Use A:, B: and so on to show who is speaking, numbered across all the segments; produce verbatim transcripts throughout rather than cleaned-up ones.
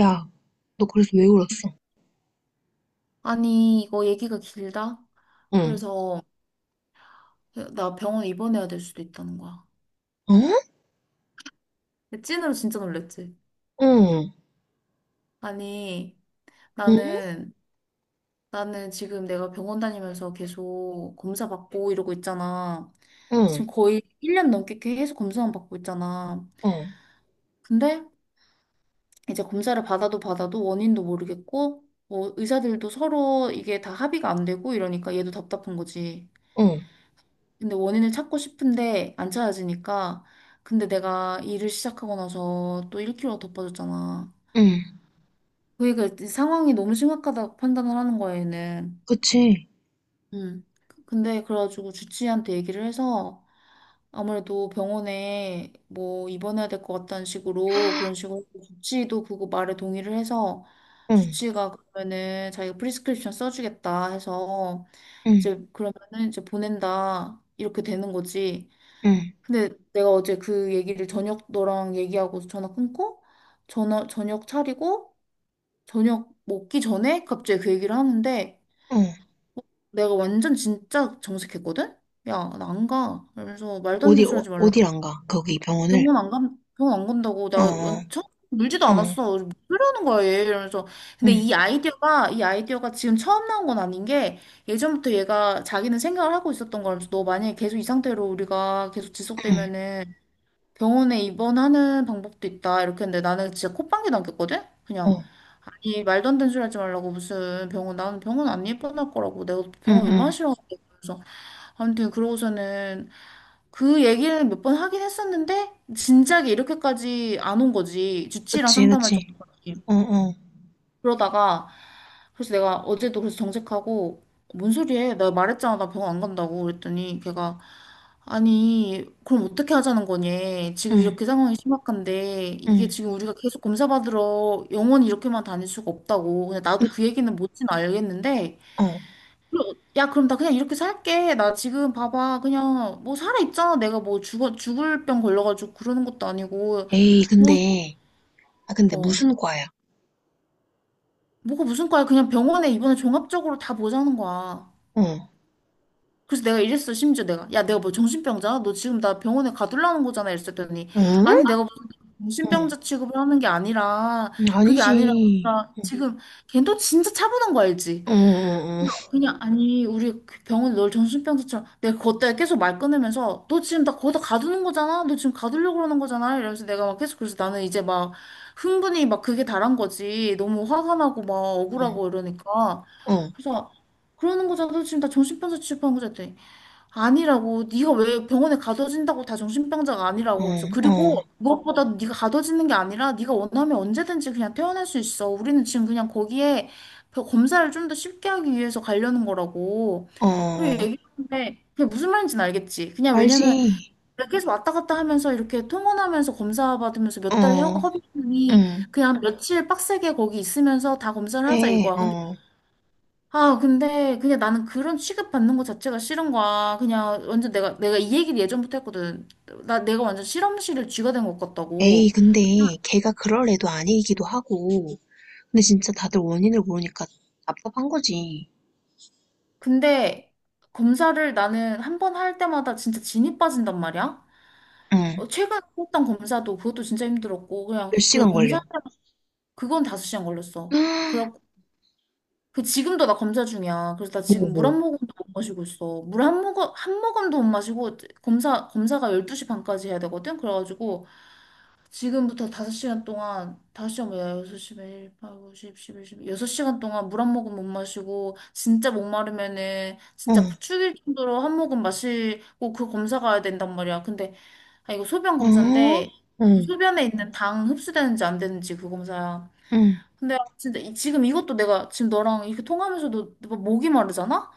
A: 야, 너 그래서 왜 울었어?
B: 아니, 이거 얘기가 길다?
A: 응.
B: 그래서 나 병원 입원해야 될 수도 있다는 거야.
A: 어?
B: 찐으로 진짜 놀랬지.
A: 응.
B: 아니,
A: 응?
B: 나는, 나는 지금 내가 병원 다니면서 계속 검사 받고 이러고 있잖아. 지금
A: 응.
B: 거의 일 년 넘게 계속 검사만 받고 있잖아.
A: 어.
B: 근데 이제 검사를 받아도 받아도 원인도 모르겠고, 뭐 의사들도 서로 이게 다 합의가 안 되고 이러니까 얘도 답답한 거지.
A: 응.
B: 근데 원인을 찾고 싶은데 안 찾아지니까. 근데 내가 일을 시작하고 나서 또 일 킬로그램이 더 빠졌잖아.
A: 응.
B: 그러니까 상황이 너무 심각하다고 판단을 하는 거야, 얘는.
A: 그치.
B: 음. 근데 그래가지고 주치의한테 얘기를 해서 아무래도 병원에 뭐 입원해야 될 것 같다는 식으로 그런 식으로 주치의도 그거 말에 동의를 해서
A: 응.
B: 주치의가 그러면은 자기가 프리스크립션 써주겠다 해서
A: 응.
B: 이제 그러면은 이제 보낸다 이렇게 되는 거지.
A: 응.
B: 근데 내가 어제 그 얘기를 저녁 너랑 얘기하고 전화 끊고 전화 저녁 차리고 저녁 먹기 전에 갑자기 그 얘기를 하는데
A: 어.
B: 내가 완전 진짜 정색했거든? 야, 나 안 가. 그러면서 말도 안
A: 어디,
B: 되는 소리
A: 어,
B: 하지 말라.
A: 어딜 안 가? 거기 병원을.
B: 병원 안 간, 병원 안 간다고. 나
A: 어. 어.
B: 처음 울지도
A: 응.
B: 않았어. 무슨 소리 하는 거야, 얘. 이러면서. 근데
A: 응.
B: 이 아이디어가, 이 아이디어가 지금 처음 나온 건 아닌 게 예전부터 얘가 자기는 생각을 하고 있었던 거라면서 너 만약에 계속 이 상태로 우리가 계속
A: 응.
B: 지속되면은 병원에 입원하는 방법도 있다. 이렇게 했는데 나는 진짜 콧방귀 남겼거든? 그냥,
A: 어.
B: 아니, 말도 안 되는 소리 하지 말라고. 무슨 병원, 나는 병원 안 입원할 거라고. 내가
A: 응.
B: 병원 얼마나
A: 응.
B: 싫어하는데. 그래서 아무튼 그러고서는 그 얘기를 몇 번 하긴 했었는데 진작에 이렇게까지 안 온 거지. 주치의랑
A: 그치.
B: 상담할
A: 그치.
B: 정도까지.
A: 어. 어.
B: 그러다가 그래서 내가 어제도 그래서 정색하고 뭔 소리해? 내가 말했잖아 나 병원 안 간다고 그랬더니 걔가 아니 그럼 어떻게 하자는 거니? 지금
A: 응.
B: 이렇게 상황이 심각한데 이게
A: 응.
B: 지금 우리가 계속 검사 받으러 영원히 이렇게만 다닐 수가 없다고 근데
A: 그,
B: 나도 그 얘기는 못진 알겠는데
A: 어.
B: 야 그럼 나 그냥 이렇게 살게 나 지금 봐봐 그냥 뭐 살아 있잖아 내가 뭐 죽어 죽을 병 걸려가지고 그러는 것도 아니고
A: 에이,
B: 뭐
A: 근데. 아, 근데
B: 어
A: 무슨 과야?
B: 뭐가 무슨 과야 그냥 병원에 이번에 종합적으로 다 보자는 거야.
A: 어.
B: 그래서 내가 이랬어, 심지어 내가. 야, 내가 뭐 정신병자야? 너 지금 나 병원에 가둘라는 거잖아. 이랬더니.
A: 응?
B: 아니, 내가 무슨
A: 응.
B: 정신병자 취급을 하는 게 아니라,
A: 음,
B: 그게 아니라,
A: 아니지.
B: 우리가 지금, 걔도 진짜 차분한 거 알지?
A: 어. 어.
B: 그래서 그냥, 아니, 우리 병원에 널 정신병자처럼, 내가 그것 때문에 계속 말 끊으면서, 너 지금 나 거기다 가두는 거잖아? 너 지금 가두려고 그러는 거잖아? 이러면서 내가 막 계속, 그래서 나는 이제 막, 흥분이 막 그게 다란 거지. 너무 화가 나고 막 억울하고
A: 어.
B: 이러니까.
A: 어. 어.
B: 그래서, 그러는 거잖아. 너 지금 나 정신병자 취급하는 거잖아. 아니라고 네가 왜 병원에 가둬진다고 다 정신병자가 아니라고
A: 어.
B: 그러면서
A: 어.
B: 그리고 무엇보다 네가 가둬지는 게 아니라 네가 원하면 언제든지 그냥 퇴원할 수 있어 우리는 지금 그냥 거기에 그 검사를 좀 더 쉽게 하기 위해서 가려는 거라고
A: 어. 어.
B: 그리고 얘기했는데 그게 무슨 말인지는 알겠지 그냥
A: 알지.
B: 왜냐면 그래, 계속 왔다 갔다 하면서 이렇게 통원하면서 검사 받으면서 몇 달
A: 어,
B: 허비이
A: 응.
B: 그냥 며칠 빡세게 거기 있으면서 다 검사를 하자
A: 네,
B: 이거야
A: 어.
B: 아, 근데 그냥 나는 그런 취급받는 것 자체가 싫은 거야. 그냥 완전 내가, 내가 이 얘기를 예전부터 했거든. 나, 내가 완전 실험실을 쥐가 된 것
A: 에이,
B: 같다고.
A: 근데 걔가 그럴 애도 아니기도 하고. 근데 진짜 다들 원인을 모르니까 답답한 거지.
B: 근데 검사를 나는 한 번 할 때마다 진짜 진이 빠진단 말이야.
A: 응.
B: 어, 최근에 했던 검사도 그것도 진짜 힘들었고, 그냥,
A: 몇
B: 그래,
A: 시간
B: 검사,
A: 걸려?
B: 그건 다섯 시간 걸렸어. 그렇고, 그 지금도 나 검사 중이야. 그래서 나
A: 뭐,
B: 지금 물
A: 뭐.
B: 한 모금도 못 마시고 있어. 물 한 모금, 한 모금도 못 마시고, 검사, 검사가 열두시 반까지 해야 되거든? 그래가지고, 지금부터 다섯 시간 동안, 다섯 시간 뭐야, 여섯 시, 일, 팔, 구, 십, 십일, 일여 여섯 시간 동안 물 한 모금 못 마시고, 진짜 목마르면은,
A: 어, 어?
B: 진짜 죽일 정도로 한 모금 마시고, 그 검사 가야 된단 말이야. 근데, 아, 이거 소변 검사인데, 그
A: 응,
B: 소변에 있는 당 흡수되는지 안 되는지 그 검사야.
A: 응,
B: 근데 진짜 이- 지금 이것도 내가 지금 너랑 이렇게 통하면서도 뭐 목이 마르잖아?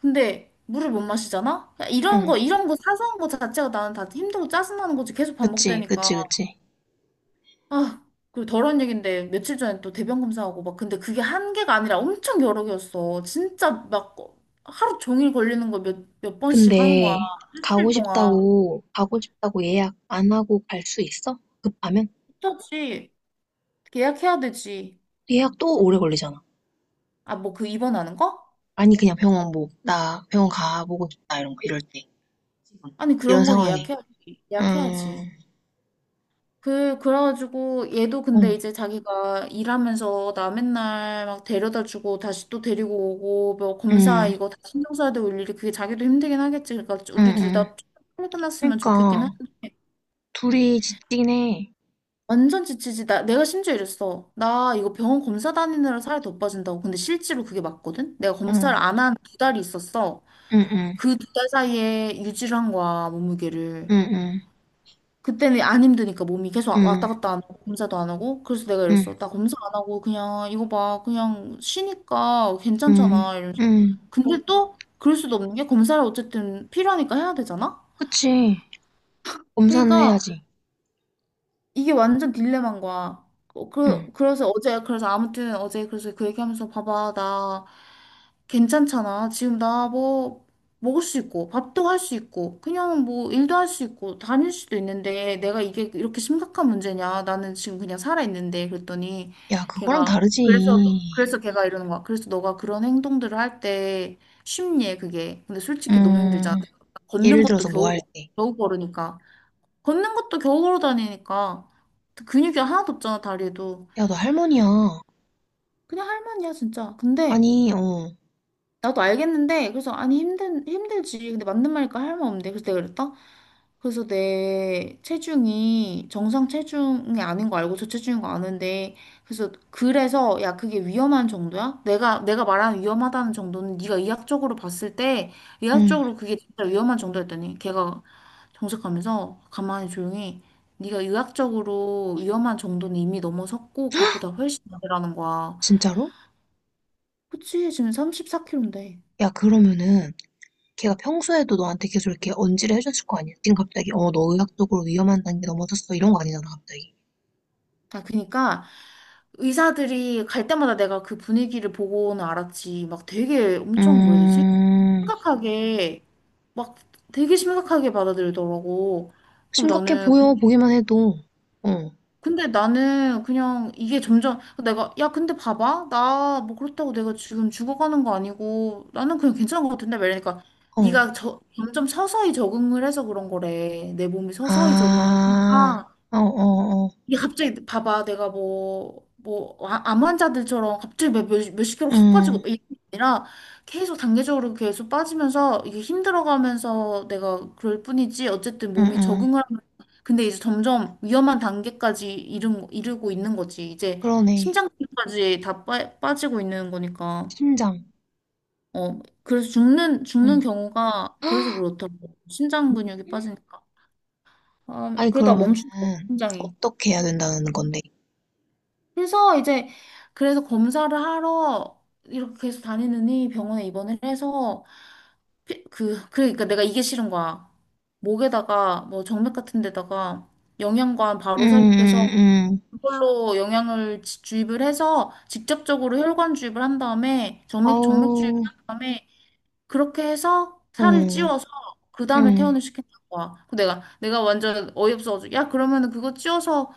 B: 근데 물을 못 마시잖아? 그러니까 이런
A: 응.
B: 거, 이런 거 사소한 거 자체가 나는 다 힘들고 짜증나는 거지. 계속
A: 그치,
B: 반복되니까.
A: 그치, 그치.
B: 아, 그 더러운 얘긴데 며칠 전에 또 대변 검사하고 막 근데 그게 한 개가 아니라 엄청 여러 개였어. 진짜 막 어, 하루 종일 걸리는 거 몇, 몇 번씩 하는 거야.
A: 근데 가고
B: 일주일 동안.
A: 싶다고, 가고 싶다고 예약 안 하고 갈 수 있어? 급하면?
B: 그렇지. 예약해야 되지.
A: 예약 또 오래 걸리잖아.
B: 아, 뭐 그 입원하는 거?
A: 아니, 그냥 병원 뭐, 나 병원 가보고 싶다, 이런 거, 이럴 때. 지금.
B: 아니,
A: 이런
B: 그런 건
A: 상황에.
B: 예약해야지. 예약해야지.
A: 음.
B: 그, 그래가지고 얘도
A: 응,
B: 근데 이제 자기가 일하면서 나 맨날 막 데려다 주고 다시 또 데리고 오고 뭐 검사
A: 응,
B: 이거 다 신경 써야 되고 일일이 그게 자기도 힘들긴 하겠지. 그러니까
A: 응,
B: 우리 둘
A: 응.
B: 다 빨리 끝났으면 좋겠긴 해.
A: 그러니까 둘이 지치긴 해.
B: 완전 지치지. 나, 내가 심지어 이랬어. 나 이거 병원 검사 다니느라 살이 더 빠진다고. 근데 실제로 그게 맞거든? 내가
A: 응,
B: 검사를 안 한 두 달이 있었어.
A: 응, 응,
B: 그 두 달 사이에 유지를 한 거야, 몸무게를.
A: 응,
B: 그때는 안 힘드니까 몸이 계속
A: 응, 응,
B: 왔다 갔다 안 하고 검사도 안 하고 그래서 내가
A: 응,
B: 이랬어 나 검사 음. 안 하고 그냥 이거 봐 그냥 쉬니까
A: 응,
B: 괜찮잖아 이러면서
A: 응.
B: 근데 또 그럴 수도 없는 게 검사를 어쨌든 필요하니까 해야 되잖아
A: 그치. 검사는
B: 그러니까
A: 해야지.
B: 이게 완전 딜레마인 거야 어,
A: 응.
B: 그, 그래서 어제 그래서 아무튼 어제 그래서 그 얘기하면서 봐봐 나 괜찮잖아. 지금 나 뭐 먹을 수 있고, 밥도 할 수 있고, 그냥 뭐 일도 할 수 있고, 다닐 수도 있는데 내가 이게 이렇게 심각한 문제냐? 나는 지금 그냥 살아있는데 그랬더니
A: 야, 그거랑
B: 걔가
A: 다르지.
B: 그래서 그래서 걔가 이러는 거야. 그래서 너가 그런 행동들을 할 때 쉽니 그게. 근데 솔직히 너무 힘들잖아.
A: 음,
B: 걷는
A: 예를
B: 것도
A: 들어서 뭐
B: 겨우
A: 할 때.
B: 겨우 걸으니까. 걷는 것도 겨우 걸어 다니니까 근육이 하나도 없잖아 다리에도.
A: 야, 너 할머니야.
B: 그냥 할머니야 진짜. 근데
A: 아니, 어,
B: 나도 알겠는데 그래서 아니 힘든 힘들지 근데 맞는 말이니까 할 말 없는데 그래서 내가 그랬다 그래서 내 체중이 정상 체중이 아닌 거 알고 저체중인 거 아는데 그래서 그래서 야 그게 위험한 정도야? 내가 내가 말하는 위험하다는 정도는 네가 의학적으로 봤을 때
A: 응,
B: 의학적으로 그게 진짜 위험한 정도였더니 걔가 정색하면서 가만히 조용히 네가 의학적으로 위험한 정도는 이미 넘어섰고 그것보다 훨씬 많으라는 거야.
A: 진짜로?
B: 그치 지금 삼십사 킬로그램인데.
A: 야, 그러면은 걔가 평소에도 너한테 계속 이렇게 언질을 해줬을 거 아니야? 지금 갑자기 어, 너 의학적으로 위험한 단계 넘어졌어 이런 거 아니잖아, 갑자기.
B: 아, 그니까 의사들이 갈 때마다 내가 그 분위기를 보고는 알았지. 막 되게 엄청 뭐라 해야 되지?
A: 음.
B: 심각하게 막 되게 심각하게 받아들이더라고. 그럼
A: 심각해
B: 나는 그-
A: 보여, 보기만 해도. 어,
B: 근데 나는 그냥 이게 점점 내가 야 근데 봐봐 나 뭐 그렇다고 내가 지금 죽어가는 거 아니고 나는 그냥 괜찮은 거 같은데 말이니까 네가
A: 어.
B: 저, 점점 서서히 적응을 해서 그런 거래 내 몸이 서서히 적응을
A: 아,
B: 하니까
A: 어, 어, 어.
B: 이게 갑자기 봐봐 내가 뭐 뭐암 환자들처럼 갑자기 몇, 몇, 몇십 킬로 확
A: 음,
B: 빠지고 이게 아니라 계속 단계적으로 계속 빠지면서 이게 힘들어가면서 내가 그럴 뿐이지 어쨌든
A: 음,
B: 몸이
A: 음.
B: 적응을 하면 근데 이제 점점 위험한 단계까지 이른, 이르고 있는 거지 이제
A: 그러네.
B: 심장까지 다 빠, 빠지고 있는 거니까
A: 심장.
B: 어 그래서 죽는 죽는
A: 음.
B: 경우가 그래서 그렇다고 심장 근육이 빠지니까 아
A: 아니,
B: 그러다
A: 그러면은,
B: 멈춘다 심장이
A: 어떻게 해야 된다는 건데?
B: 그래서 이제 그래서 검사를 하러 이렇게 계속 다니느니 병원에 입원을 해서 피- 그 그러니까 내가 이게 싫은 거야. 목에다가 뭐 정맥 같은 데다가 영양관
A: 음,
B: 바로 삽입해서
A: 음, 음.
B: 그걸로 영양을 지- 주입을 해서 직접적으로 혈관 주입을 한 다음에 정맥 정맥 주입을
A: 아우,
B: 한 다음에 그렇게 해서 살을
A: 어,
B: 찌워서 그 다음에
A: 음,
B: 퇴원을 시킨다는 거야. 그 내가 내가 완전 어이없어가지고 야 그러면은 그거 찌워서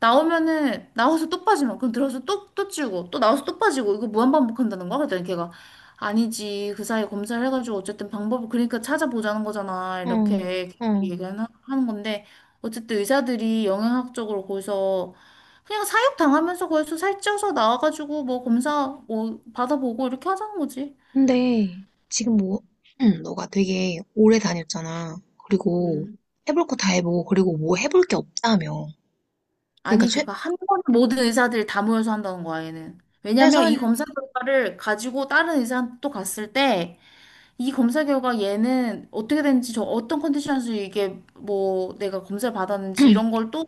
B: 나오면은 나와서 또 빠지면 그럼 들어서 또 또 찌우고 또 나와서 또 빠지고 이거 무한반복한다는 거야? 그랬더니 걔가 아니지 그 사이에 검사를 해가지고 어쨌든 방법을 그러니까 찾아보자는 거잖아
A: 어,
B: 이렇게
A: 어.
B: 얘기하는 하는 건데 어쨌든 의사들이 영양학적으로 거기서 그냥 사육 당하면서 거기서 살쪄서 나와가지고 뭐 검사 뭐 받아보고 이렇게 하자는 거지.
A: 근데, 지금 뭐, 음, 너가 되게 오래 다녔잖아. 그리고,
B: 음.
A: 해볼 거 다 해보고, 그리고 뭐 해볼 게 없다며. 그러니까,
B: 아니
A: 최,
B: 그니까 한 번에 모든 의사들 다 모여서 한다는 거야 얘는. 왜냐면 이
A: 최선,
B: 검사 결과를 가지고 다른 의사한테 또 갔을 때 이 검사 결과 얘는 어떻게 됐는지 저 어떤 컨디션에서 이게 뭐 내가 검사를 받았는지 이런 걸 또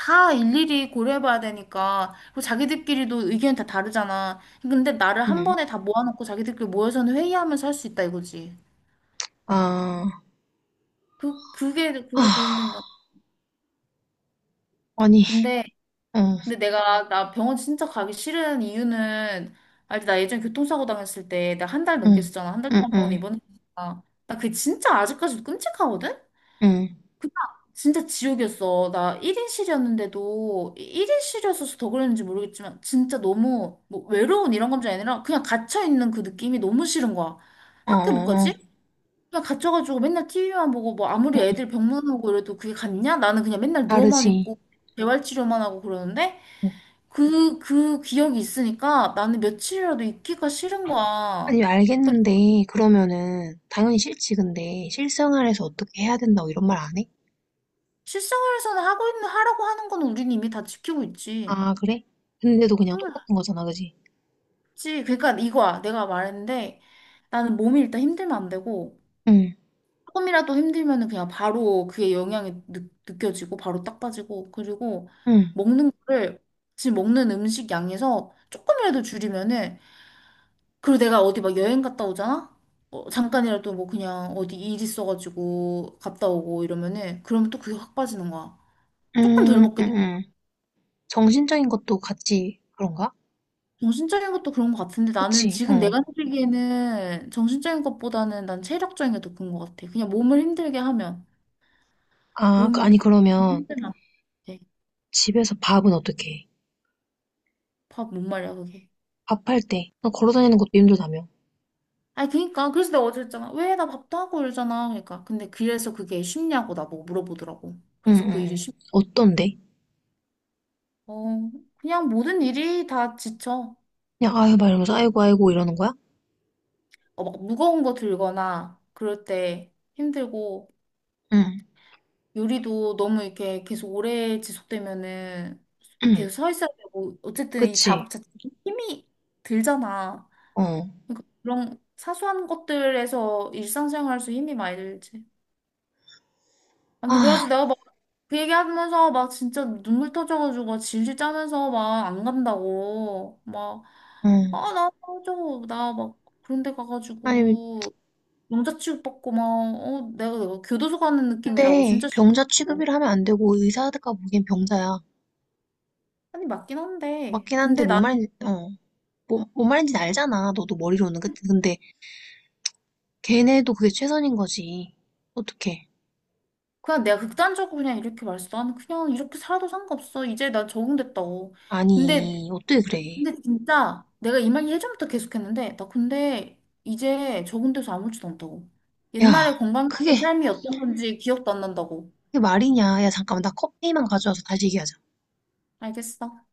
B: 다 일일이 고려해봐야 되니까 그리고 자기들끼리도 의견이 다 다르잖아. 근데 나를 한
A: 음.
B: 번에 다 모아놓고 자기들끼리 모여서는 회의하면서 할 수 있다 이거지.
A: 아,
B: 그 그게
A: 아,
B: 그게 도움된다.
A: 아니,
B: 근데
A: 응,
B: 근데 내가 나 병원 진짜 가기 싫은 이유는 알지? 나 예전에 교통사고 당했을 때 나 한 달 넘게
A: 응,
B: 있었잖아. 한 달
A: 응,
B: 동안 병원에
A: 응,
B: 입원했으니까 나 그게 진짜 아직까지도 끔찍하거든?
A: 응,
B: 그냥 진짜 지옥이었어. 나 일인실이었는데도 일인실이었어서 더 그랬는지 모르겠지만 진짜 너무 뭐 외로운 이런 감정이 아니라 그냥 갇혀있는 그 느낌이 너무 싫은 거야.
A: 어,
B: 학교 못
A: 어,
B: 가지?
A: 어,
B: 그냥 갇혀가지고 맨날 티비만 보고 뭐 아무리
A: 응,
B: 애들 병문 오고 이래도 그게 같냐? 나는 그냥 맨날 누워만
A: 다르지.
B: 있고 재활치료만 하고 그러는데
A: 응.
B: 그, 그 기억이 있으니까 나는 며칠이라도 있기가 싫은 거야.
A: 아니, 알겠는데, 그러면은, 당연히 싫지, 근데, 실생활에서 어떻게 해야 된다고 이런 말 안 해?
B: 실생활에서는 하고 있는, 하라고 하는 건 우린 이미 다 지키고 있지.
A: 아, 그래? 근데도 그냥
B: 응.
A: 똑같은 거잖아, 그지?
B: 그치. 그러니까 이거야. 내가 말했는데 나는 몸이 일단 힘들면 안 되고
A: 응,
B: 조금이라도 힘들면은 그냥 바로 그게 영향이 느, 느껴지고 바로 딱 빠지고 그리고
A: 응,
B: 먹는 거를 지금 먹는 음식 양에서 조금이라도 줄이면은 그리고 내가 어디 막 여행 갔다 오잖아? 어, 잠깐이라도 뭐 그냥 어디 일 있어가지고 갔다 오고 이러면은 그러면 또 그게 확 빠지는 거야.
A: 응,
B: 조금 덜
A: 응,
B: 먹게 돼.
A: 응. 정신적인 것도 같이 그런가?
B: 정신적인 것도 그런 것 같은데 나는
A: 그치,
B: 지금
A: 어.
B: 내가 느끼기에는 정신적인 것보다는 난 체력적인 게 더 큰 것 같아. 그냥 몸을 힘들게 하면
A: 아, 그-
B: 몸
A: 아니, 그러면,
B: 힘들면 안 돼.
A: 집에서 밥은 어떻게 해?
B: 밥 못 말이야 그게.
A: 밥할 때, 너 걸어 다니는 것도 힘들다며.
B: 아니 그니까 그래서 내가 어제 했잖아. 왜 나 밥도 하고 이러잖아. 그러니까 근데 그래서 그게 쉽냐고 나보고 물어보더라고.
A: 응,
B: 그래서
A: 응,
B: 그 일이
A: 응.
B: 쉽.
A: 어떤데?
B: 어 그냥 모든 일이 다 지쳐.
A: 그냥, 아유, 막 이러면서, 아이고, 아이고, 이러는 거야?
B: 어, 막 무거운 거 들거나 그럴 때 힘들고.
A: 응,
B: 요리도 너무 이렇게 계속 오래 지속되면은
A: 응,
B: 계속 서 있어야 되고 어쨌든 이
A: 그치.
B: 작업 자체 힘이 들잖아.
A: 어.
B: 그러니까 그런 사소한 것들에서 일상생활에서 힘이 많이 들지. 아무튼
A: 아,
B: 그래가지고 내가 막 그 얘기하면서 막 진짜 눈물 터져가지고 막 질질 짜면서 막 안 간다고 막
A: 어.
B: 아나 저거 나막 그런 데
A: 아니,
B: 가가지고 영자 취급받고 막 어 내가 내가 교도소 가는 느낌이라고
A: 근데
B: 진짜 싫어.
A: 병자 취급이라 하면 안 되고 의사가 보기엔 병자야.
B: 아니, 맞긴 한데.
A: 맞긴 한데
B: 근데
A: 뭔
B: 나는
A: 말인지, 어. 뭐, 뭔 말인지 알잖아. 너도 머리로는. 그치? 근데 걔네도 그게 최선인 거지. 어떡해.
B: 그냥 내가 극단적으로 그냥 이렇게 말했어. 나는 그냥 이렇게 살아도 상관없어. 이제 나 적응됐다고. 근데,
A: 아니, 어떻게 그래.
B: 근데 진짜 내가 이 말 예전부터 계속했는데, 나 근데 이제 적응돼서 아무렇지도 않다고.
A: 야,
B: 옛날에
A: 그게,
B: 건강했던 삶이었던 건지 기억도 안 난다고.
A: 그게 말이냐. 야, 잠깐만. 나 커피만 가져와서 다시 얘기하자.
B: 알겠어.